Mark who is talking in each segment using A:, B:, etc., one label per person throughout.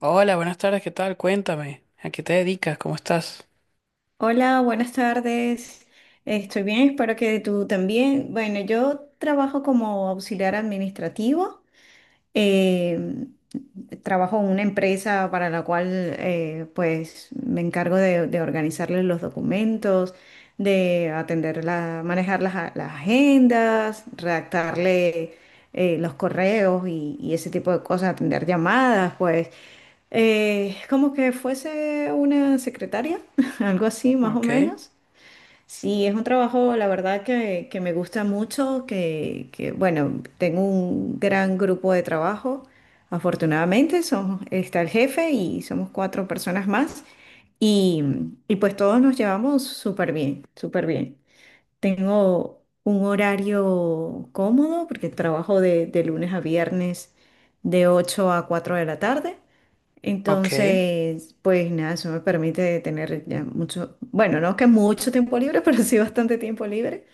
A: Hola, buenas tardes, ¿qué tal? Cuéntame, ¿a qué te dedicas? ¿Cómo estás?
B: Hola, buenas tardes. Estoy bien, espero que tú también. Bueno, yo trabajo como auxiliar administrativo. eh, Trabajo en una empresa para la cual pues me encargo de organizarles los documentos, de atender la, manejar las, las agendas, redactarle los correos y ese tipo de cosas, atender llamadas, pues como que fuese una secretaria, algo así más o
A: Ok,
B: menos. Sí, es un trabajo, la verdad, que me gusta mucho, que, bueno, tengo un gran grupo de trabajo. Afortunadamente, somos, está el jefe y somos cuatro personas más y, y pues todos nos llevamos súper bien, súper bien. Tengo un horario cómodo porque trabajo de lunes a viernes de 8 a 4 de la tarde.
A: ok.
B: Entonces, pues nada, eso me permite tener ya mucho, bueno, no que mucho tiempo libre, pero sí bastante tiempo libre.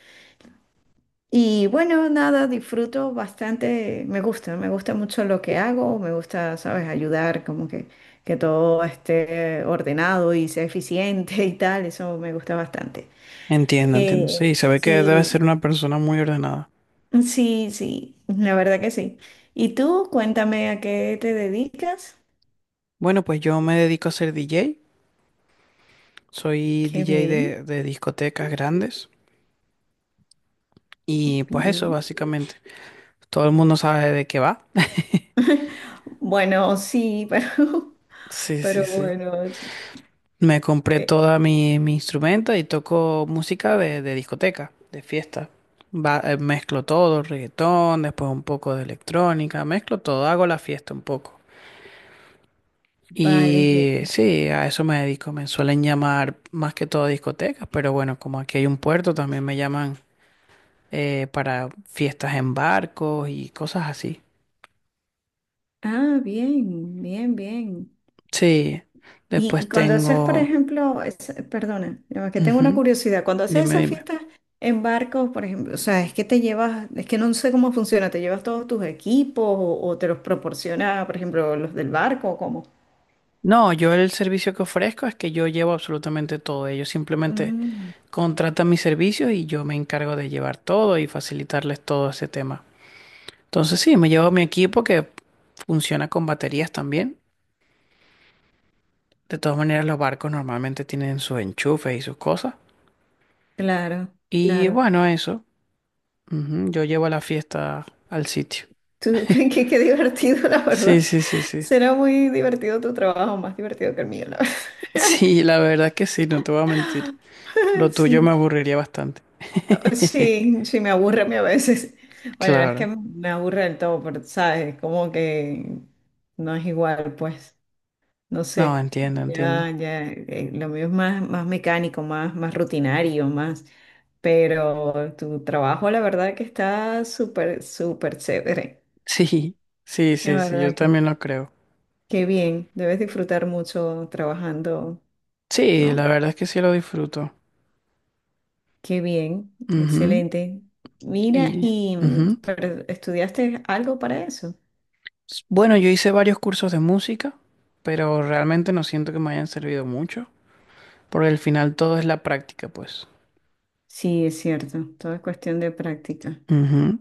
B: Y bueno, nada, disfruto bastante, me gusta mucho lo que hago, me gusta, sabes, ayudar, como que todo esté ordenado y sea eficiente y tal, eso me gusta bastante.
A: Entiendo, entiendo.
B: Eh,
A: Sí, se ve que debes ser
B: sí,
A: una persona muy ordenada.
B: sí, sí, la verdad que sí. Y tú, cuéntame a qué te dedicas.
A: Bueno, pues yo me dedico a ser DJ. Soy
B: Qué
A: DJ
B: bien,
A: de discotecas grandes. Y pues eso,
B: bien.
A: básicamente. Todo el mundo sabe de qué va.
B: Bueno, sí,
A: Sí, sí,
B: pero
A: sí.
B: bueno,
A: Me compré
B: eh,
A: toda mi instrumento y toco música de discoteca, de fiesta. Mezclo todo, reggaetón, después un poco de electrónica, mezclo todo, hago la fiesta un poco.
B: vale.
A: Y sí, a eso me dedico. Me suelen llamar más que todo discotecas, pero bueno, como aquí hay un puerto, también me llaman para fiestas en barcos y cosas así.
B: Ah, bien, bien, bien.
A: Sí,
B: Y
A: después
B: cuando haces, por
A: tengo.
B: ejemplo, perdona, no, es que tengo una
A: Ujú,
B: curiosidad, cuando haces
A: dime,
B: esas
A: dime.
B: fiestas en barcos, por ejemplo, o sea, es que te llevas, es que no sé cómo funciona, ¿te llevas todos tus equipos o te los proporciona, por ejemplo, los del barco o cómo?
A: No, yo el servicio que ofrezco es que yo llevo absolutamente todo. Ellos simplemente
B: Mm,
A: contratan mis servicios y yo me encargo de llevar todo y facilitarles todo ese tema. Entonces sí, me llevo mi equipo que funciona con baterías también. De todas maneras, los barcos normalmente tienen sus enchufes y sus cosas.
B: claro,
A: Y
B: claro.
A: bueno, eso. Ujú, yo llevo la fiesta al sitio.
B: Tú, qué, qué qué divertido, la
A: Sí,
B: verdad.
A: sí, sí, sí.
B: Será muy divertido tu trabajo, más divertido que el mío, la verdad.
A: Sí, la verdad es que sí, no te voy a mentir. Lo tuyo me
B: Sí.
A: aburriría bastante.
B: Sí, sí, me aburre a mí a veces. Bueno, no es que
A: Claro.
B: me aburre del todo, pero sabes, como que no es igual, pues, no
A: No,
B: sé.
A: entiendo,
B: Ya,
A: entiendo.
B: ya, lo mío es más, más mecánico, más, más rutinario, más. Pero tu trabajo, la verdad que está súper, súper chévere.
A: Sí, sí,
B: La
A: sí, sí, yo
B: verdad que
A: también lo creo.
B: qué bien. Debes disfrutar mucho trabajando,
A: Sí,
B: ¿no?
A: la verdad es que sí lo disfruto.
B: Qué bien,
A: Ujú.
B: excelente. Mira,
A: Y,
B: y
A: ujú.
B: pero, ¿estudiaste algo para eso?
A: Bueno, yo hice varios cursos de música, pero realmente no siento que me hayan servido mucho, porque al final todo es la práctica, pues.
B: Sí, es cierto. Todo es cuestión de práctica.
A: Ujú.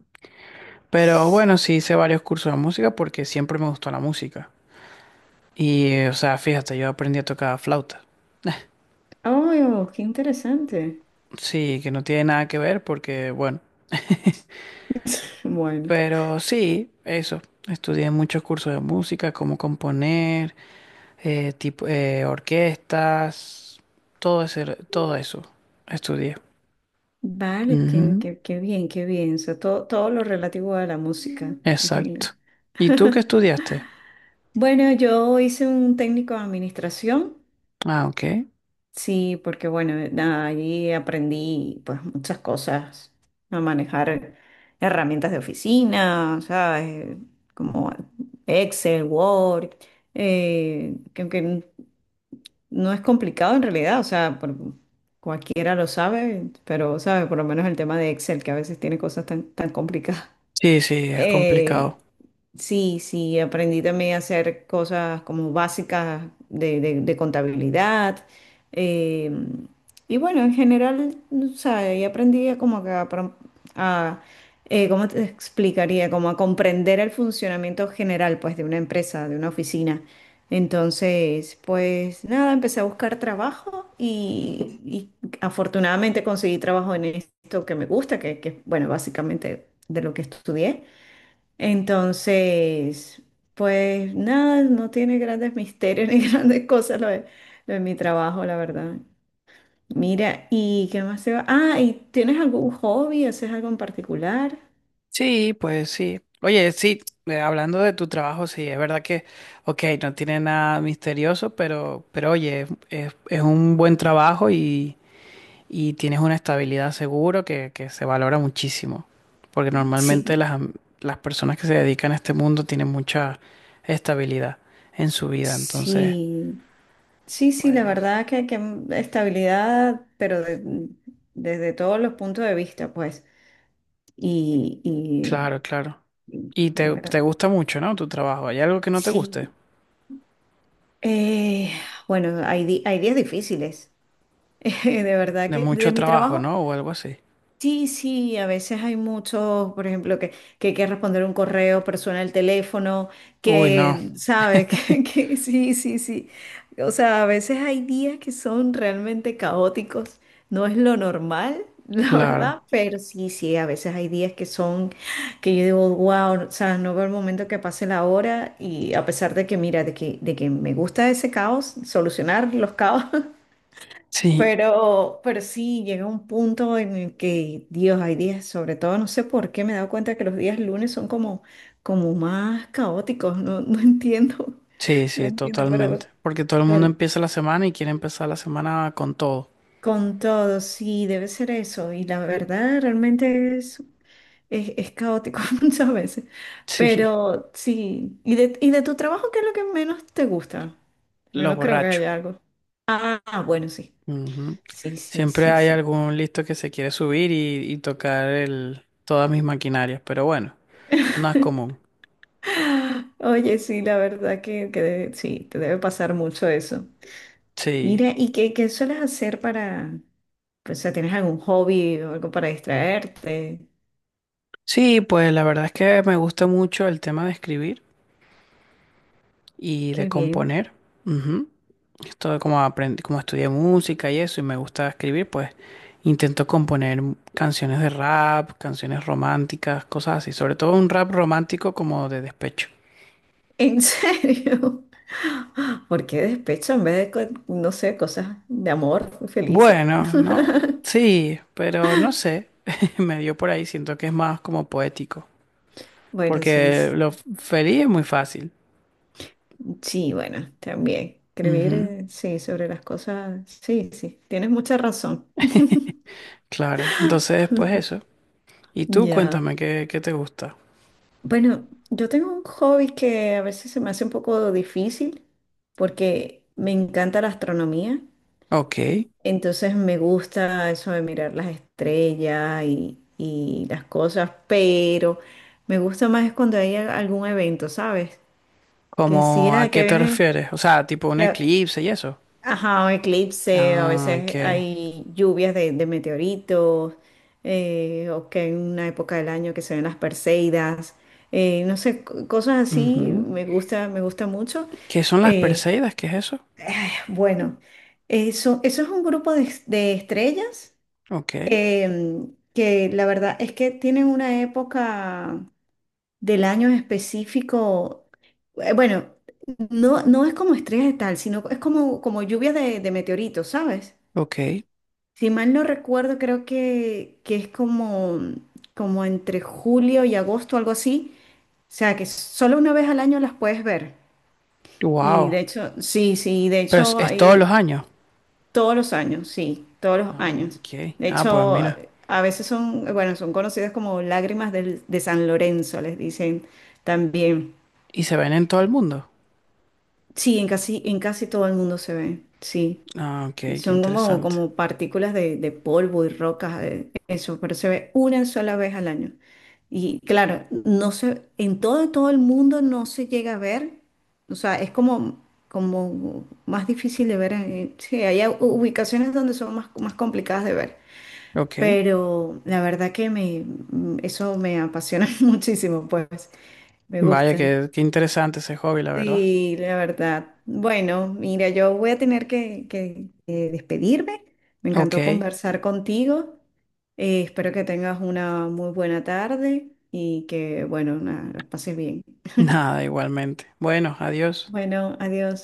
A: Pero
B: Sí.
A: bueno, sí hice varios cursos de música porque siempre me gustó la música. O sea, fíjate, yo aprendí a tocar flauta.
B: ¡Oh, qué interesante!
A: Sí, que no tiene nada que ver porque, bueno.
B: Bueno,
A: Pero sí, eso. Estudié muchos cursos de música, cómo componer, tipo, orquestas, todo eso estudié.
B: vale, qué,
A: Ujú,
B: qué bien, qué bien. O sea, todo, todo lo relativo a la música. Imagino.
A: exacto. ¿Y tú qué estudiaste?
B: Bueno, yo hice un técnico de administración.
A: Ah, ok.
B: Sí, porque bueno, nada, allí aprendí pues muchas cosas a manejar herramientas de oficina, ¿sabes? Como Excel, Word, que no es complicado en realidad, o sea, cualquiera lo sabe, pero, ¿sabes? Por lo menos el tema de Excel, que a veces tiene cosas tan, tan complicadas.
A: Sí, sí, es
B: Eh,
A: complicado.
B: sí, sí, aprendí también a hacer cosas como básicas de, de contabilidad. eh, y bueno, en general, o sea, ahí aprendí a como que a, a, ¿cómo te explicaría? Como a comprender el funcionamiento general, pues, de una empresa, de una oficina. Entonces, pues nada, empecé a buscar trabajo y afortunadamente conseguí trabajo en esto que me gusta, que, bueno, básicamente de lo que estudié. Entonces, pues nada, no tiene grandes misterios ni grandes cosas lo de mi trabajo, la verdad. Mira, ¿y qué más se va? Ah, ¿y tienes algún hobby? ¿Haces algo en particular?
A: Sí, pues sí. Oye, sí, hablando de tu trabajo, sí, es verdad que, ok, no tiene nada misterioso, pero oye, es un buen trabajo y tienes una estabilidad seguro que se valora muchísimo. Porque normalmente
B: Sí,
A: las personas que se dedican a este mundo tienen mucha estabilidad en su vida. Entonces,
B: sí, sí, sí, la
A: pues,
B: verdad que estabilidad, pero desde todos los puntos de vista, pues. Y,
A: claro,
B: y,
A: claro.
B: y
A: Y
B: la
A: te
B: verdad.
A: gusta mucho, ¿no? Tu trabajo. ¿Hay algo que no te
B: Sí.
A: guste?
B: Eh, bueno, hay, hay días difíciles, de verdad
A: De
B: que de
A: mucho
B: mi
A: trabajo,
B: trabajo.
A: ¿no? O algo así.
B: Sí, sí, a veces hay muchos, por ejemplo, que hay que responder un correo, persona el teléfono,
A: Uy, no,
B: que, ¿sabes? Que sí, sí, sí. O sea, a veces hay días que son realmente caóticos, no es lo normal, la
A: claro.
B: verdad, pero sí, sí, a veces hay días que son, que yo digo, wow, o sea, no veo el momento que pase la hora y a pesar de que, mira, de que me gusta ese caos, solucionar los caos,
A: Sí,
B: pero sí, llega un punto en el que, Dios, hay días, sobre todo, no sé por qué me he dado cuenta que los días lunes son como, como más caóticos, no, no entiendo,
A: sí,
B: no
A: sí,
B: entiendo,
A: totalmente.
B: pero
A: Porque todo el mundo
B: el-
A: empieza la semana y quiere empezar la semana con todo.
B: con todo, sí, debe ser eso. Y la verdad, realmente es caótico muchas veces.
A: Sí,
B: Pero sí, y de tu trabajo qué es lo que menos te gusta? Yo
A: los
B: no creo que
A: borrachos.
B: haya algo. Ah, bueno, sí.
A: Ujú.
B: Sí, sí,
A: Siempre
B: sí,
A: hay
B: sí.
A: algún listo que se quiere subir y tocar el, todas mis maquinarias, pero bueno, no es común.
B: Oye, sí, la verdad que sí, te debe pasar mucho eso.
A: Sí.
B: Mira, ¿y qué, qué sueles hacer para, pues, o sea, tienes algún hobby o algo para distraerte?
A: Sí, pues la verdad es que me gusta mucho el tema de escribir y de
B: Qué bien.
A: componer. Ujú. Esto como aprendí, como estudié música y eso, y me gusta escribir, pues intento componer canciones de rap, canciones románticas, cosas así, sobre todo un rap romántico como de despecho.
B: ¿En serio? ¿Por qué despecho en vez de, no sé, cosas de amor felices?
A: Bueno, no, sí, pero no sé, me dio por ahí, siento que es más como poético,
B: Bueno, sí,
A: porque feliz es muy fácil.
B: sí, bueno, también. Escribir,
A: Ujú,
B: sí, sobre las cosas, sí, sí, tienes mucha razón.
A: claro, entonces pues eso. Y tú
B: Ya.
A: cuéntame qué, qué te gusta.
B: Bueno, yo tengo un hobby que a veces se me hace un poco difícil porque me encanta la astronomía,
A: Ok,
B: entonces me gusta eso de mirar las estrellas y las cosas, pero me gusta más es cuando hay algún evento, ¿sabes? Que sí,
A: ¿cómo a
B: ah, que
A: qué te
B: viene,
A: refieres? O sea, tipo un eclipse y eso.
B: ajá, un eclipse, a
A: Ah, ok.
B: veces hay lluvias de meteoritos, o que en una época del año que se ven las Perseidas, no sé, cosas así
A: Ujú.
B: me gusta mucho.
A: ¿Qué son las
B: Eh,
A: Perseidas? ¿Qué es eso?
B: bueno, eso es un grupo de, de estrellas
A: Ok,
B: que la verdad es que tienen una época del año en específico, bueno, no, no es como estrellas de tal, sino es como, como lluvias de meteoritos, ¿sabes?
A: ok.
B: Si mal no recuerdo, creo que es como, como entre julio y agosto, algo así. O sea, que solo una vez al año las puedes ver. Y
A: Wow.
B: de hecho, sí, sí, de
A: Pero
B: hecho,
A: es todos los
B: hay
A: años.
B: todos los años, sí, todos los
A: Ah,
B: años.
A: ok.
B: De
A: Ah, pues
B: hecho,
A: mira.
B: a veces son, bueno, son conocidas como lágrimas de San Lorenzo, les dicen también.
A: ¿Y se ven en todo el mundo?
B: Sí, en casi todo el mundo se ve, sí.
A: Ah, ok,
B: Y
A: qué
B: son como,
A: interesante.
B: como partículas de polvo y rocas, eso, pero se ve una sola vez al año. Y claro, no se, en todo, todo el mundo no se llega a ver, o sea, es como, como más difícil de ver. Sí, hay ubicaciones donde son más, más complicadas de ver,
A: Ok.
B: pero la verdad que me, eso me apasiona muchísimo, pues me
A: Vaya,
B: gusta.
A: qué, qué interesante ese hobby, la verdad.
B: Sí, la verdad. Bueno, mira, yo voy a tener que, despedirme. Me
A: Ok.
B: encantó conversar contigo. Espero que tengas una muy buena tarde y que, bueno, nada, la pases bien.
A: Nada, igualmente. Bueno, adiós.
B: Bueno, adiós.